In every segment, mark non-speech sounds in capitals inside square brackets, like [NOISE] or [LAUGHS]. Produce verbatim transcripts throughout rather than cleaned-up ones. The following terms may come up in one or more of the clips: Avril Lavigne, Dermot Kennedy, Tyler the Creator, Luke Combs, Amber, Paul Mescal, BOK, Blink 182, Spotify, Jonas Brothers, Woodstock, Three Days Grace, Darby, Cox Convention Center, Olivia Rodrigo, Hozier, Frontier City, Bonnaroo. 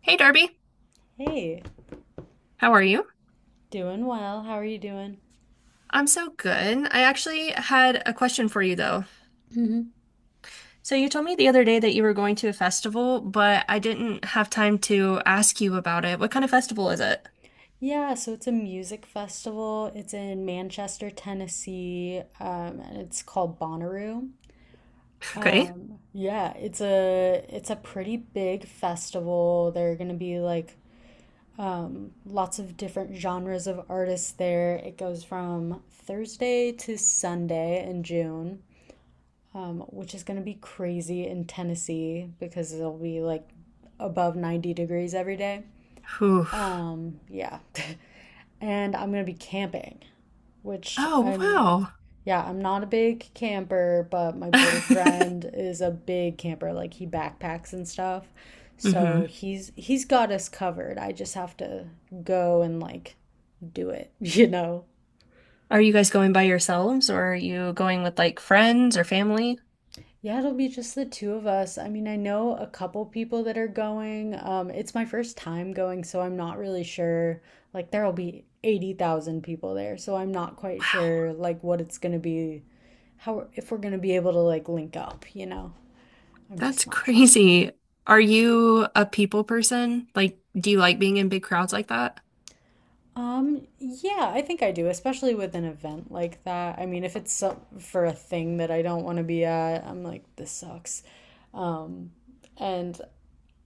Hey Darby, Hey, how are you? doing well. How are you doing? I'm so good. I actually had a question for you though. Hmm. So you told me the other day that you were going to a festival, but I didn't have time to ask you about it. What kind of festival is it? Yeah, so it's a music festival. It's in Manchester, Tennessee, um, and it's called Bonnaroo. Okay. Yeah, it's a it's a pretty big festival. There are gonna be like lots of different genres of artists there. It goes from Thursday to Sunday in June, um, which is gonna be crazy in Tennessee because it'll be like above ninety degrees every day. Whew. Um, yeah. [LAUGHS] and I'm gonna be camping, which Oh, I'm wow. Yeah, I'm not a big camper, but my boyfriend [LAUGHS] is a big camper. Like, he backpacks and stuff. So hmm he's he's got us covered. I just have to go and like do it, [LAUGHS] you know. Are you guys going by yourselves or are you going with like friends or family? Yeah, it'll be just the two of us. I mean, I know a couple people that are going. Um, it's my first time going, so I'm not really sure. Like, there'll be eighty thousand people there, so I'm not quite Wow, sure, like, what it's gonna be how if we're gonna be able to like link up, you know? I'm that's just not sure. crazy. Are you a people person? Like, do you like being in big crowds like that? Um, yeah, I think I do, especially with an event like that. I mean, if it's so- for a thing that I don't want to be at, I'm like, this sucks. Um, and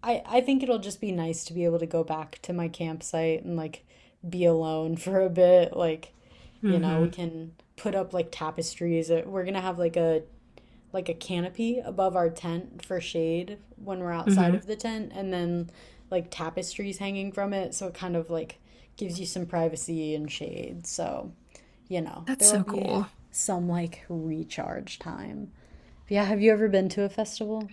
I I think it'll just be nice to be able to go back to my campsite and like be alone [LAUGHS] for a bit. Like, you know, Hmm we can put up like tapestries. We're gonna have like a like a canopy above our tent for shade when we're outside hmm of the tent, and then like tapestries hanging from it, so it kind of like gives you some privacy and shade, so you know That's there will so be cool. some like recharge time. But yeah, have you ever been to a festival?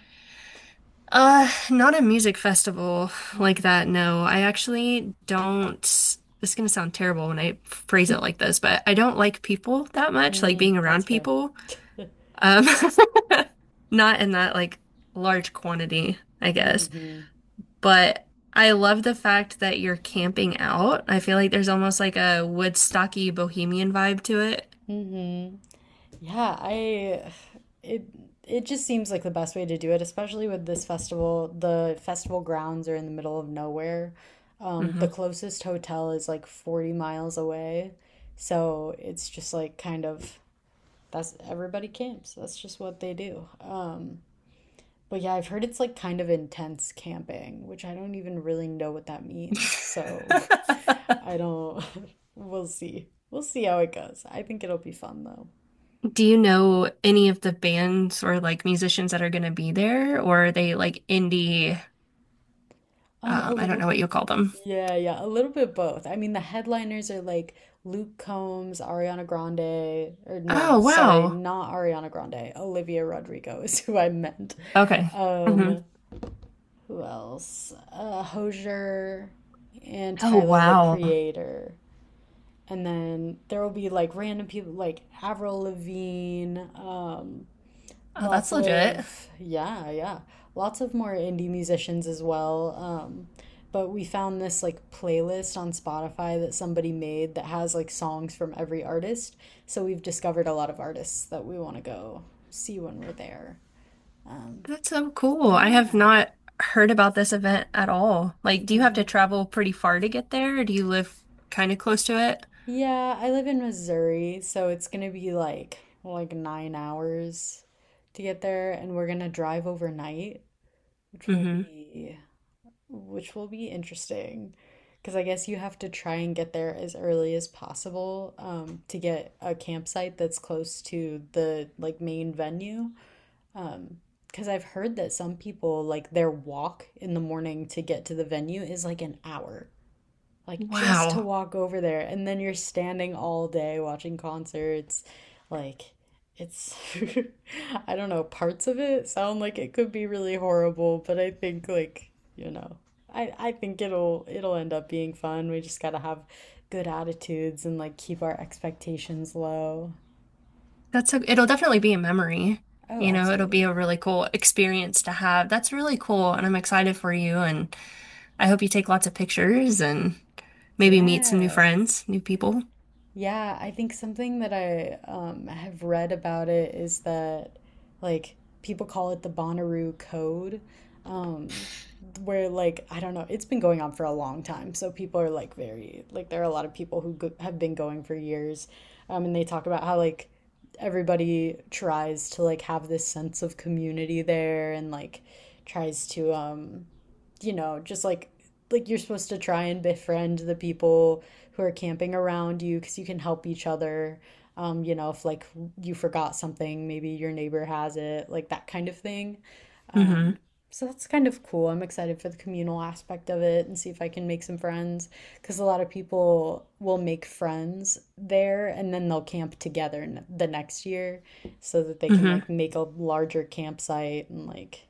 Uh, not a music festival like that, no. I actually don't. This is gonna sound terrible when I phrase it [LAUGHS] like this, but I don't like people that much, like Mm, being that's around fair. people. [LAUGHS] Um, [LAUGHS] not in that like large quantity, I guess. Mm-hmm. But I love the fact that you're camping out. I feel like there's almost like a Woodstocky bohemian vibe to it. Mm-hmm. Yeah, I it it just seems like the best way to do it, especially with this festival. The festival grounds are in the middle of nowhere. Um, the Hmm closest hotel is like forty miles away. So it's just like kind of that's everybody camps. That's just what they do. Um, but yeah, I've heard it's like kind of intense camping, which I don't even really know what that means. So [LAUGHS] [LAUGHS] I don't, [LAUGHS] we'll see. We'll see how it goes. I think it'll be fun though. Do you know any of the bands or like musicians that are going to be there, or are they like indie? Um, a Um, I don't little. know what you call them. Yeah, yeah, a little bit both. I mean, the headliners are like Luke Combs, Ariana Grande, or no, Oh, sorry, wow. not Ariana Grande. Olivia Rodrigo is [LAUGHS] who I meant. Okay. hmm Um, who else? Uh, Hozier and Oh, Tyler the wow. Creator. And then there will be like random people like Avril Lavigne, um, Oh, that's Lots legit. of, yeah, yeah. Lots of more indie musicians as well. Um, but we found this like playlist on Spotify that somebody made that has like songs from every artist. So we've discovered a lot of artists that we want to go see when we're there. Um, That's so cool. I have yeah. not heard about this event at all. Like, do you have to Hmm. travel pretty far to get there, or do you live kind of close to it? Yeah, I live in Missouri, so it's gonna be like like nine hours to get there, and we're gonna drive overnight, which will Hmm be which will be interesting because I guess you have to try and get there as early as possible um, to get a campsite that's close to the like main venue. Um, because I've heard that some people like their walk in the morning to get to the venue is like an hour, like just to Wow. walk over there, and then you're standing all day watching concerts like it's [LAUGHS] I don't know, parts of it sound like it could be really horrible, but I think like, you know, i i think it'll it'll end up being fun. We just got to have good attitudes and like keep our expectations low. That's a, it'll definitely be a memory. Oh, You know, it'll be absolutely. a really cool experience to have. That's really cool, and I'm excited for you, and I hope you take lots of pictures and maybe meet some new Yeah. friends, new people. Yeah, I think something that I um, have read about it is that, like, people call it the Bonnaroo Code, um, where, like, I don't know, it's been going on for a long time. So people are, like, very, like, there are a lot of people who go- have been going for years. Um, and they talk about how, like, everybody tries to, like, have this sense of community there, and, like, tries to, um, you know, just like like you're supposed to try and befriend the people who are camping around you because you can help each other. Um, you know, if like you forgot something, maybe your neighbor has it, like that kind of thing. Hmm So that's kind of cool. I'm excited for the communal aspect of it and see if I can make some friends because a lot of people will make friends there, and then they'll camp together the next year so that they can hmm like make a larger campsite, and like,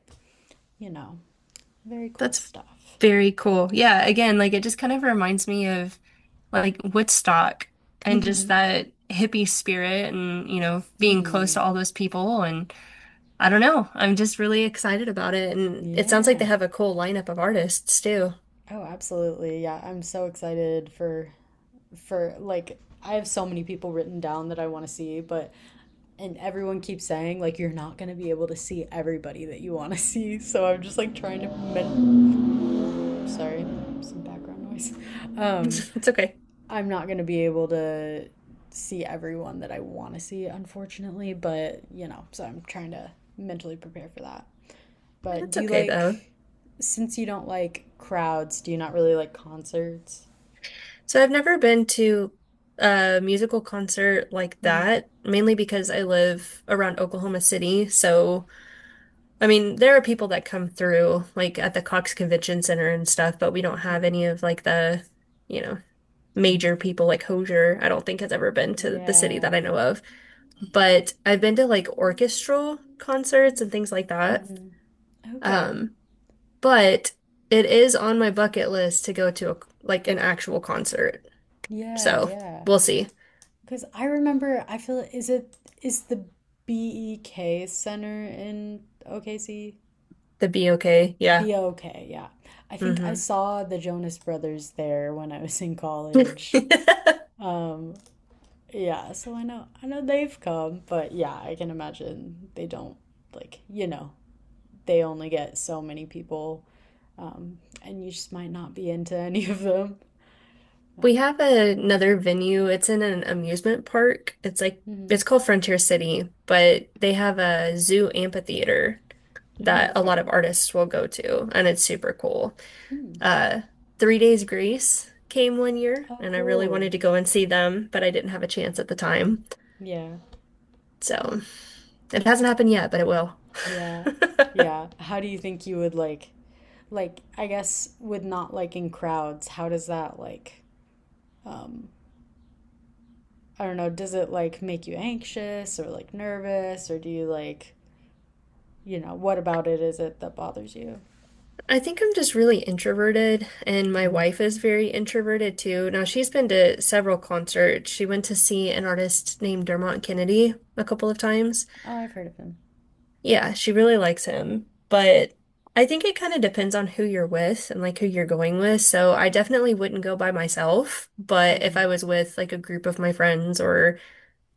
you know, very cool That's stuff. very cool. Yeah, again, like it just kind of reminds me of like Woodstock and just Mm-hmm. that hippie spirit and, you know, being close Hmm. to all those people. And I don't know, I'm just really excited about it. And it sounds like Yeah. they have a cool lineup of artists too. [LAUGHS] Oh, absolutely. Yeah, I'm so excited for for like I have so many people written down that I want to see, but and everyone keeps saying like you're not going to be able to see everybody that you want to [LAUGHS] see. So I'm just like trying to men- sorry, some background noise. Um, It's okay. I'm not going to be able to see everyone that I want to see, unfortunately, but you know, so I'm trying to mentally prepare for that. I mean, But it's do you okay though. like, since you don't like crowds, do you not really like concerts? So I've never been to a musical concert like Hmm. that, mainly because I live around Oklahoma City. So, I mean, there are people that come through like at the Cox Convention Center and stuff, but we don't have Hmm. any of like the, you know, major people like Hozier, I don't think has ever been to the city that Yeah. I know of. But I've been to like orchestral concerts and things like that. Hmm. Okay. Um, but it is on my bucket list to go to a, like an actual concert. Yeah, So, yeah. we'll see. Because I remember, I feel, is it, is the B E K Center in O K C? The B okay, yeah. B O K, yeah. I think I hmm saw the Jonas Brothers there when I was in [LAUGHS] college. Um, yeah, so I know I know they've come, but yeah, I can imagine they don't like, you know, they only get so many people, um, and you just might not be into [LAUGHS] any of them. Uh, We have another venue. It's in an amusement park. It's like hmm. it's called Frontier City, but they have a zoo amphitheater Oh, that a lot okay. of artists will go to, and it's super cool. Hmm. Uh, Three Days Grace came one year, Oh, and I really cool. wanted to go and see them, but I didn't have a chance at the time. Yeah. Hmm. So it hasn't happened yet, but it will. Yeah. Yeah. [LAUGHS] How do you think you would like, like, I guess with not liking crowds, how does that like, um, I don't know, does it like make you anxious or like nervous or do you like, you know, what about it is it that bothers you? I think I'm just really introverted, and my Mhm. wife is very introverted too. Now, she's been to several concerts. She went to see an artist named Dermot Kennedy a couple of times. Oh, I've heard of him. Yeah, she really likes him, but I think it kind of depends on who you're with and like who you're going with. So, I definitely wouldn't go by myself, but if I Mhm. was with like a group of my friends or,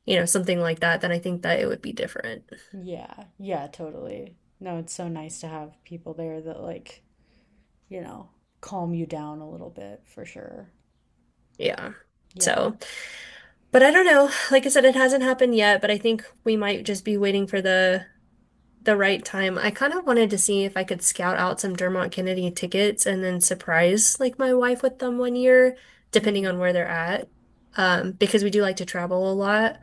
you know, something like that, then I think that it would be different. Yeah, yeah, totally. No, it's so nice to have people there that like, you know, calm you down a little bit for sure. Yeah. Yeah. So. But I don't know. Like I said, it hasn't happened yet, but I think we might just be waiting for the the right time. I kind of wanted to see if I could scout out some Dermot Kennedy tickets and then surprise like my wife with them one year, depending Mhm. on where they're at. Um, because we do like to travel a lot.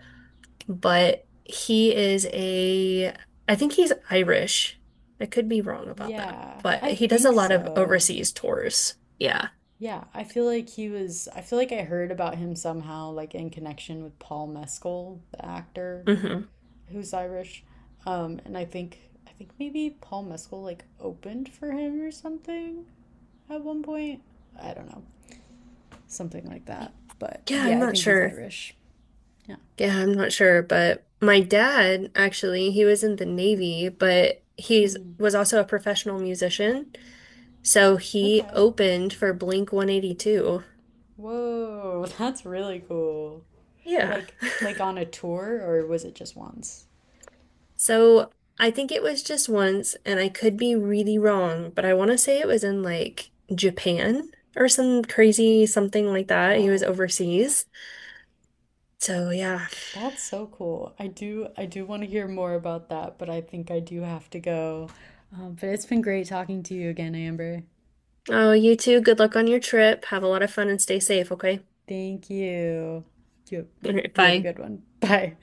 But he is a, I think he's Irish. I could be wrong about that, Yeah, but I he does a think lot of so. overseas tours. Yeah. Yeah, I feel like he was, I feel like I heard about him somehow, like in connection with Paul Mescal, the actor hmm who's Irish. Um, and I think, I think maybe Paul Mescal like opened for him or something at one point. I don't know, something like that. But Yeah, yeah, I'm I not think he's sure. Irish. Yeah, I'm not sure, but my dad actually, he was in the Navy, but Yeah. he's was also a professional musician. So he Okay. opened for Blink one eighty-two. Whoa, [LAUGHS] that's really cool. Yeah. Like [LAUGHS] like on a tour or was it just once? So I think it was just once, and I could be really wrong, but I want to say it was in like Japan or some crazy something like that. He was Wow. overseas. So yeah. That's so cool. I do I do want to hear more about that, but I think I do have to go. Um, but it's been great talking to you again, Amber. Oh, you too. Good luck on your trip. Have a lot of fun and stay safe, okay? Thank you. You [LAUGHS] All right, you have a bye. good one. [LAUGHS] Bye.